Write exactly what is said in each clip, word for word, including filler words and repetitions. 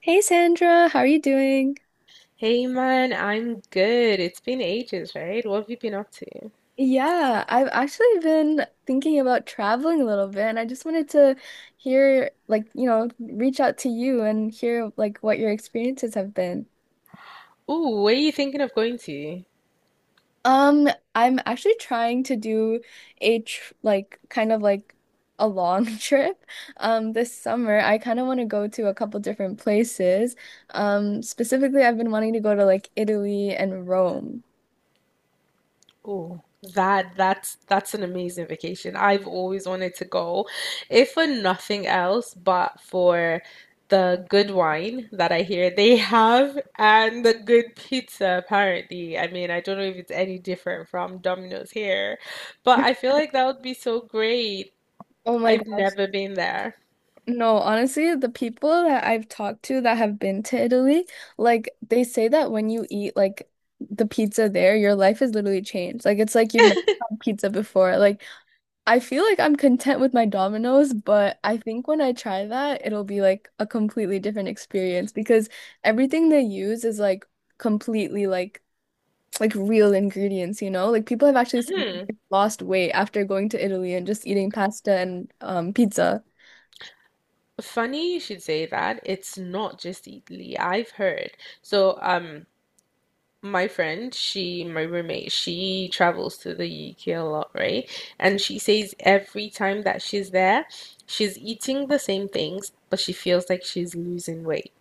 Hey Sandra, how are you doing? Hey man, I'm good. It's been ages, right? What have you been up to? Yeah, I've actually been thinking about traveling a little bit and I just wanted to hear like, you know, reach out to you and hear like what your experiences have been. Ooh, where are you thinking of going to? Um, I'm actually trying to do a tr like kind of like a long trip. Um, this summer I kind of want to go to a couple different places. Um, specifically I've been wanting to go to like Italy and Rome. Ooh, that that's that's an amazing vacation. I've always wanted to go, if for nothing else, but for the good wine that I hear they have and the good pizza, apparently. I mean, I don't know if it's any different from Domino's here, but I feel like that would be so great. Oh my I've gosh. never been there. No, honestly, the people that I've talked to that have been to Italy, like they say that when you eat like the pizza there, your life is literally changed. Like it's like you've never had pizza before. Like I feel like I'm content with my Domino's, but I think when I try that, it'll be like a completely different experience because everything they use is like completely like like real ingredients, you know? Like people have actually s- lost weight after going to Italy and just eating pasta and um pizza. Funny you should say that. It's not just Italy. I've heard. So, um, my friend, she, my roommate, she travels to the U K a lot, right? And she says every time that she's there, she's eating the same things, but she feels like she's losing weight.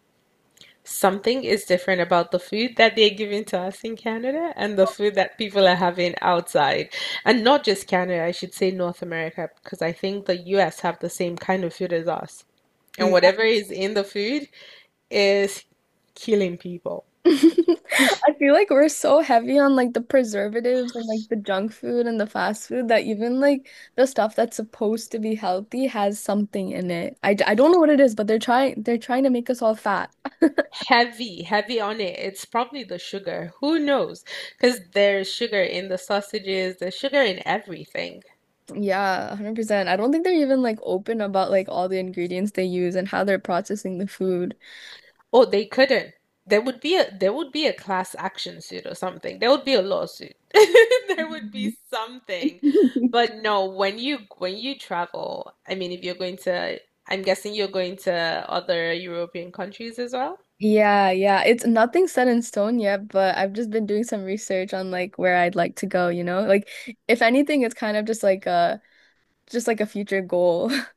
Something is different about the food that they're giving to us in Canada and the food that people are having outside. And not just Canada, I should say North America, because I think the U S have the same kind of food as us and whatever is in the food is killing people. I feel like we're so heavy on like the preservatives and like the junk food and the fast food that even like the stuff that's supposed to be healthy has something in it. I, d- I don't know what it is, but they're trying they're trying to make us all fat. Heavy, heavy on it. It's probably the sugar. Who knows? Because there's sugar in the sausages, there's sugar in everything. Yeah, a hundred percent. I don't think they're even like open about like all the ingredients they use and how they're processing the food. Oh, they couldn't. There would be a there would be a class action suit or something. There would be a lawsuit. There would be Mhm. something. But no, when you when you travel, I mean, if you're going to, I'm guessing you're going to other European countries as well. Yeah, yeah. It's nothing set in stone yet, but I've just been doing some research on like where I'd like to go, you know? Like if anything, it's kind of just like a just like a future goal.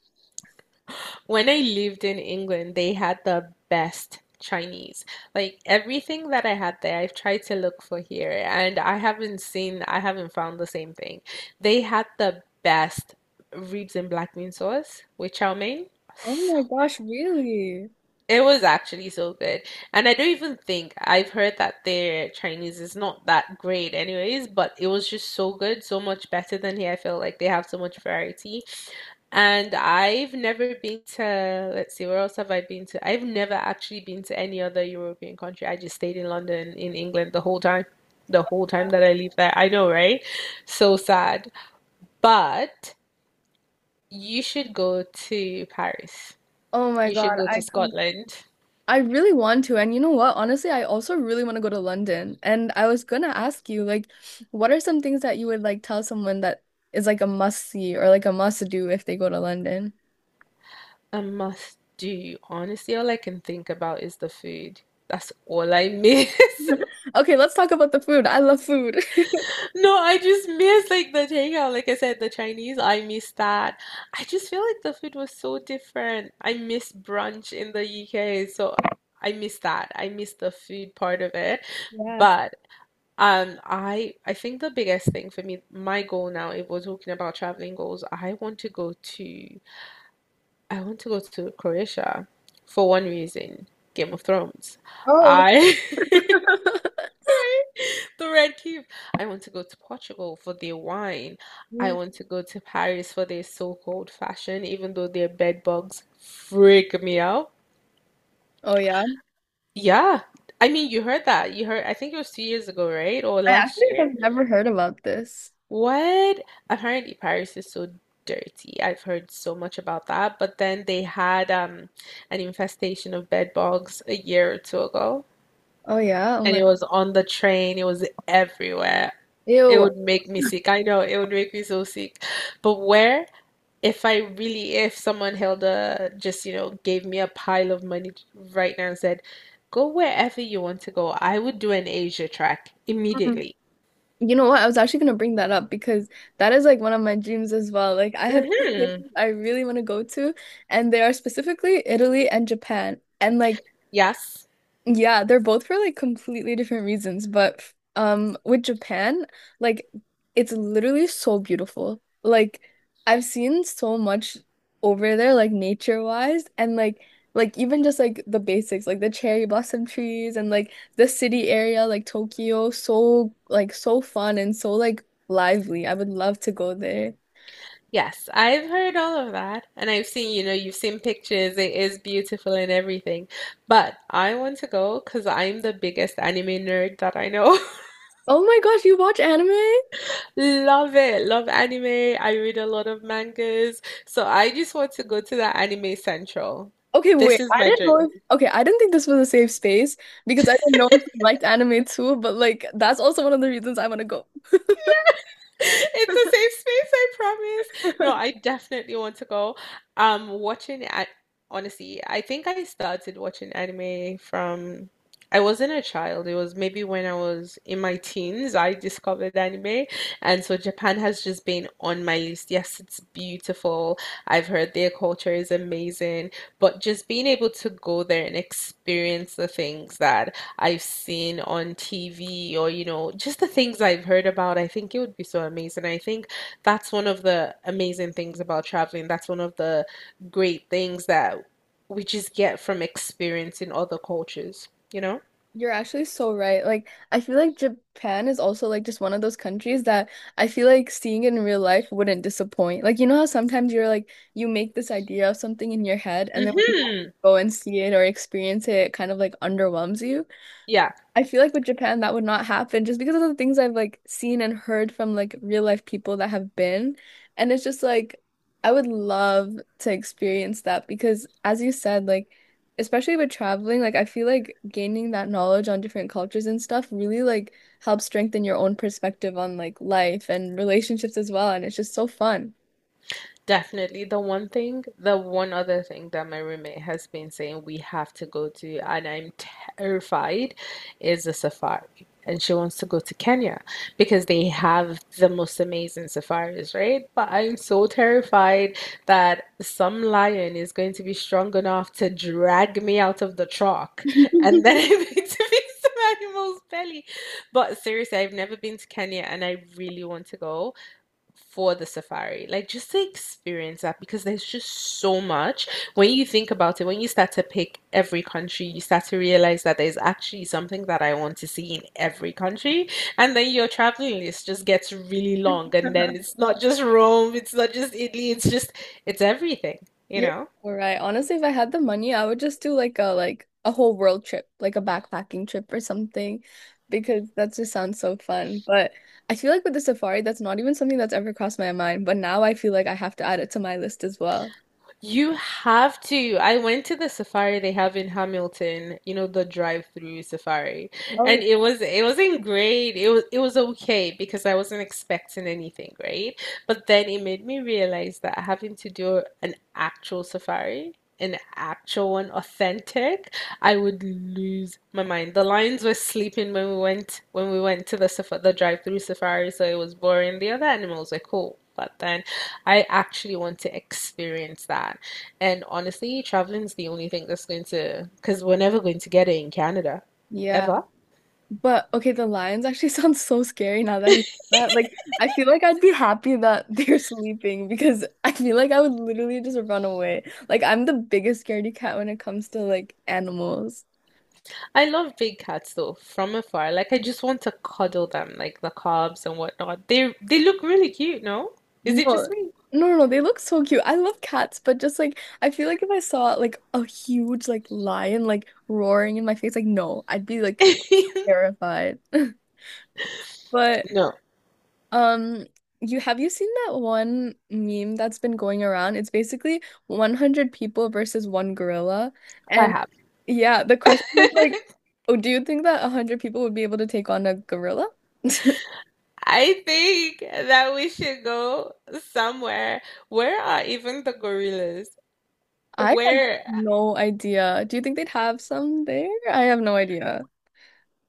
When I lived in England, they had the best Chinese. Like everything that I had there, I've tried to look for here, and I haven't seen, I haven't found the same thing. They had the best ribs and black bean sauce with chow mein. Oh So, my gosh, really? it was actually so good. And I don't even think I've heard that their Chinese is not that great anyways, but it was just so good, so much better than here. I feel like they have so much variety and I've never been to, let's see, where else have I been to? I've never actually been to any other European country. I just stayed in London, in England the whole time, the whole time that I lived there. I know, right? So sad. But you should go to Paris. Oh my You should God, go to I come Scotland. I really want to. And you know what? Honestly, I also really want to go to London. And I was gonna ask you, like, what are some things that you would like tell someone that is like a must see or like a must do if they go to London? A must do. Honestly, all I can think about is the food. That's all I miss. Okay, let's talk about the food. I love food. No, I just miss like the takeout. Like I said, the Chinese, I miss that. I just feel like the food was so different. I miss brunch in the U K, so I miss that. I miss the food part of it. Yeah. But um I I think the biggest thing for me, my goal now, if we're talking about traveling goals, I want to go to I want to go to Croatia for one reason, Game of Thrones. Oh. I The red cube. I want to go to Portugal for their wine. I Mm. want to go to Paris for their so-called fashion, even though their bed bugs freak me out. Oh yeah. Yeah. I mean, you heard that. You heard, I think it was two years ago, right? Or I last actually year. have never heard about this. What? Apparently, Paris is so dirty. I've heard so much about that. But then they had um an infestation of bed bugs a year or two ago. Oh yeah. Oh And my. it was on the train, it was everywhere. It Ew. would make me sick. I know it would make me so sick. But where if I really if someone held a just, you know, gave me a pile of money right now and said, "Go wherever you want to go." I would do an Asia track immediately. You know what? I was actually gonna bring that up because that is like one of my dreams as well. Like I have two places Hmm. I really want to go to, and they are specifically Italy and Japan. And like Yes. yeah, they're both for like completely different reasons, but f- um with Japan, like it's literally so beautiful. Like I've seen so much over there like nature-wise and like like even just like the basics like the cherry blossom trees and like the city area like Tokyo so like so fun and so like lively. I would love to go there. Yes, I've heard all of that and I've seen, you know, you've seen pictures. It is beautiful and everything. But I want to go because 'cause I'm the biggest anime nerd that I know. Oh my gosh, you watch anime? Love it. Love anime. I read a lot of mangas. So I just want to go to the anime central. Okay, This wait. is I my didn't know dream. if, okay, I didn't think this was a safe space because I didn't know if you liked anime too, but like that's also one of the reasons I want to go. It's a safe space, I promise. No, I definitely want to go. Um, watching at honestly, I think I started watching anime from I wasn't a child. It was maybe when I was in my teens I discovered anime, and so Japan has just been on my list. Yes, it's beautiful. I've heard their culture is amazing, but just being able to go there and experience the things that I've seen on T V or, you know, just the things I've heard about. I think it would be so amazing. I think that's one of the amazing things about traveling. That's one of the great things that we just get from experiencing other cultures, you know? You're actually so right. Like, I feel like Japan is also like just one of those countries that I feel like seeing it in real life wouldn't disappoint. Like, you know how sometimes you're like you make this idea of something in your head and then when you Hmm. go and see it or experience it, it kind of like underwhelms you. Yeah. I feel like with Japan that would not happen just because of the things I've like seen and heard from like real life people that have been. And it's just like I would love to experience that because as you said, like especially with traveling, like I feel like gaining that knowledge on different cultures and stuff really like helps strengthen your own perspective on like life and relationships as well. And it's just so fun. Definitely. The one thing, the one other thing that my roommate has been saying we have to go to, and I'm terrified, is a safari. And she wants to go to Kenya because they have the most amazing safaris, right? But I'm so terrified that some lion is going to be strong enough to drag me out of the truck and then I'm going to be some animal's belly. But seriously, I've never been to Kenya and I really want to go for the safari. Like just to experience that because there's just so much. When you think about it, when you start to pick every country, you start to realize that there's actually something that I want to see in every country. And then your traveling list just gets really long. And then it's not just Rome, it's not just Italy, it's just, it's everything, you You're know? all right. Honestly, if I had the money, I would just do like a like a whole world trip, like a backpacking trip or something, because that just sounds so fun. But I feel like with the safari, that's not even something that's ever crossed my mind. But now I feel like I have to add it to my list as well. You have to. I went to the safari they have in Hamilton, you know, the drive-through safari. And Oh. it was it wasn't great. It was it was okay because I wasn't expecting anything, right? But then it made me realize that having to do an actual safari an actual and authentic, I would lose my mind. The lions were sleeping when we went when we went to the safa- the drive-through safari, so it was boring. The other animals were cool, but then I actually want to experience that. And honestly, traveling's the only thing that's going to because we're never going to get it in Canada, Yeah. ever. But okay, the lions actually sounds so scary now that you said that. Like, I feel like I'd be happy that they're sleeping because I feel like I would literally just run away. Like, I'm the biggest scaredy cat when it comes to like animals. I love big cats though, from afar. Like I just want to cuddle them, like the cubs and whatnot. They they look really cute, no? Is No, it just me? no, no, no, they look so cute. I love cats, but just like I feel like if I saw like a huge like lion like roaring in my face, like no, I'd be like terrified. But No, um, you have you seen that one meme that's been going around? It's basically a hundred people versus one gorilla, I and have. yeah, the question is like, oh, do you think that a hundred people would be able to take on a gorilla? I think that we should go somewhere. Where are even the gorillas? I have Where? no idea. Do you think they'd have some there? I have no idea.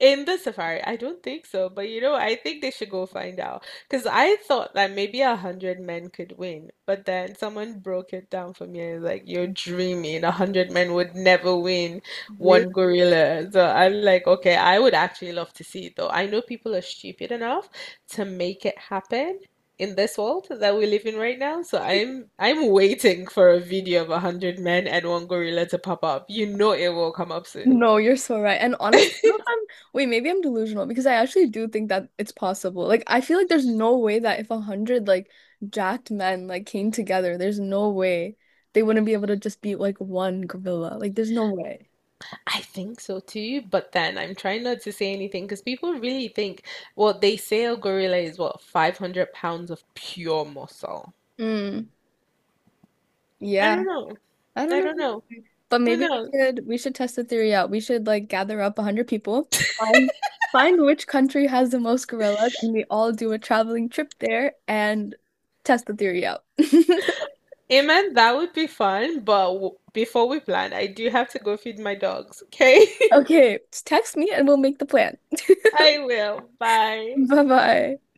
In the safari, I don't think so, but you know, I think they should go find out. Because I thought that maybe a hundred men could win, but then someone broke it down for me and was like, you're dreaming. A hundred men would never win one gorilla. So I'm like, okay, I would actually love to see it though. I know people are stupid enough to make it happen in this world that we live in right now. So I'm I'm waiting for a video of a hundred men and one gorilla to pop up. You know it will come up soon. No, you're so right. And honestly, I don't know if I'm, wait, maybe I'm delusional because I actually do think that it's possible. Like, I feel like there's no way that if a hundred like jacked men like came together, there's no way they wouldn't be able to just beat like one gorilla. Like, there's no way. I think so too, but then I'm trying not to say anything because people really think, well, they say a gorilla is what, five hundred pounds of pure muscle. Mm, I yeah, don't know. I don't I know. don't know. But Who maybe we knows? should we should test the theory out. We should like gather up a hundred people, find find which country has the most gorillas, and we all do a traveling trip there and test the theory out. Amen, that would be fun, but w before we plan, I do have to go feed my dogs, okay? Okay, just text me and we'll make the plan. I will. Bye. Bye bye.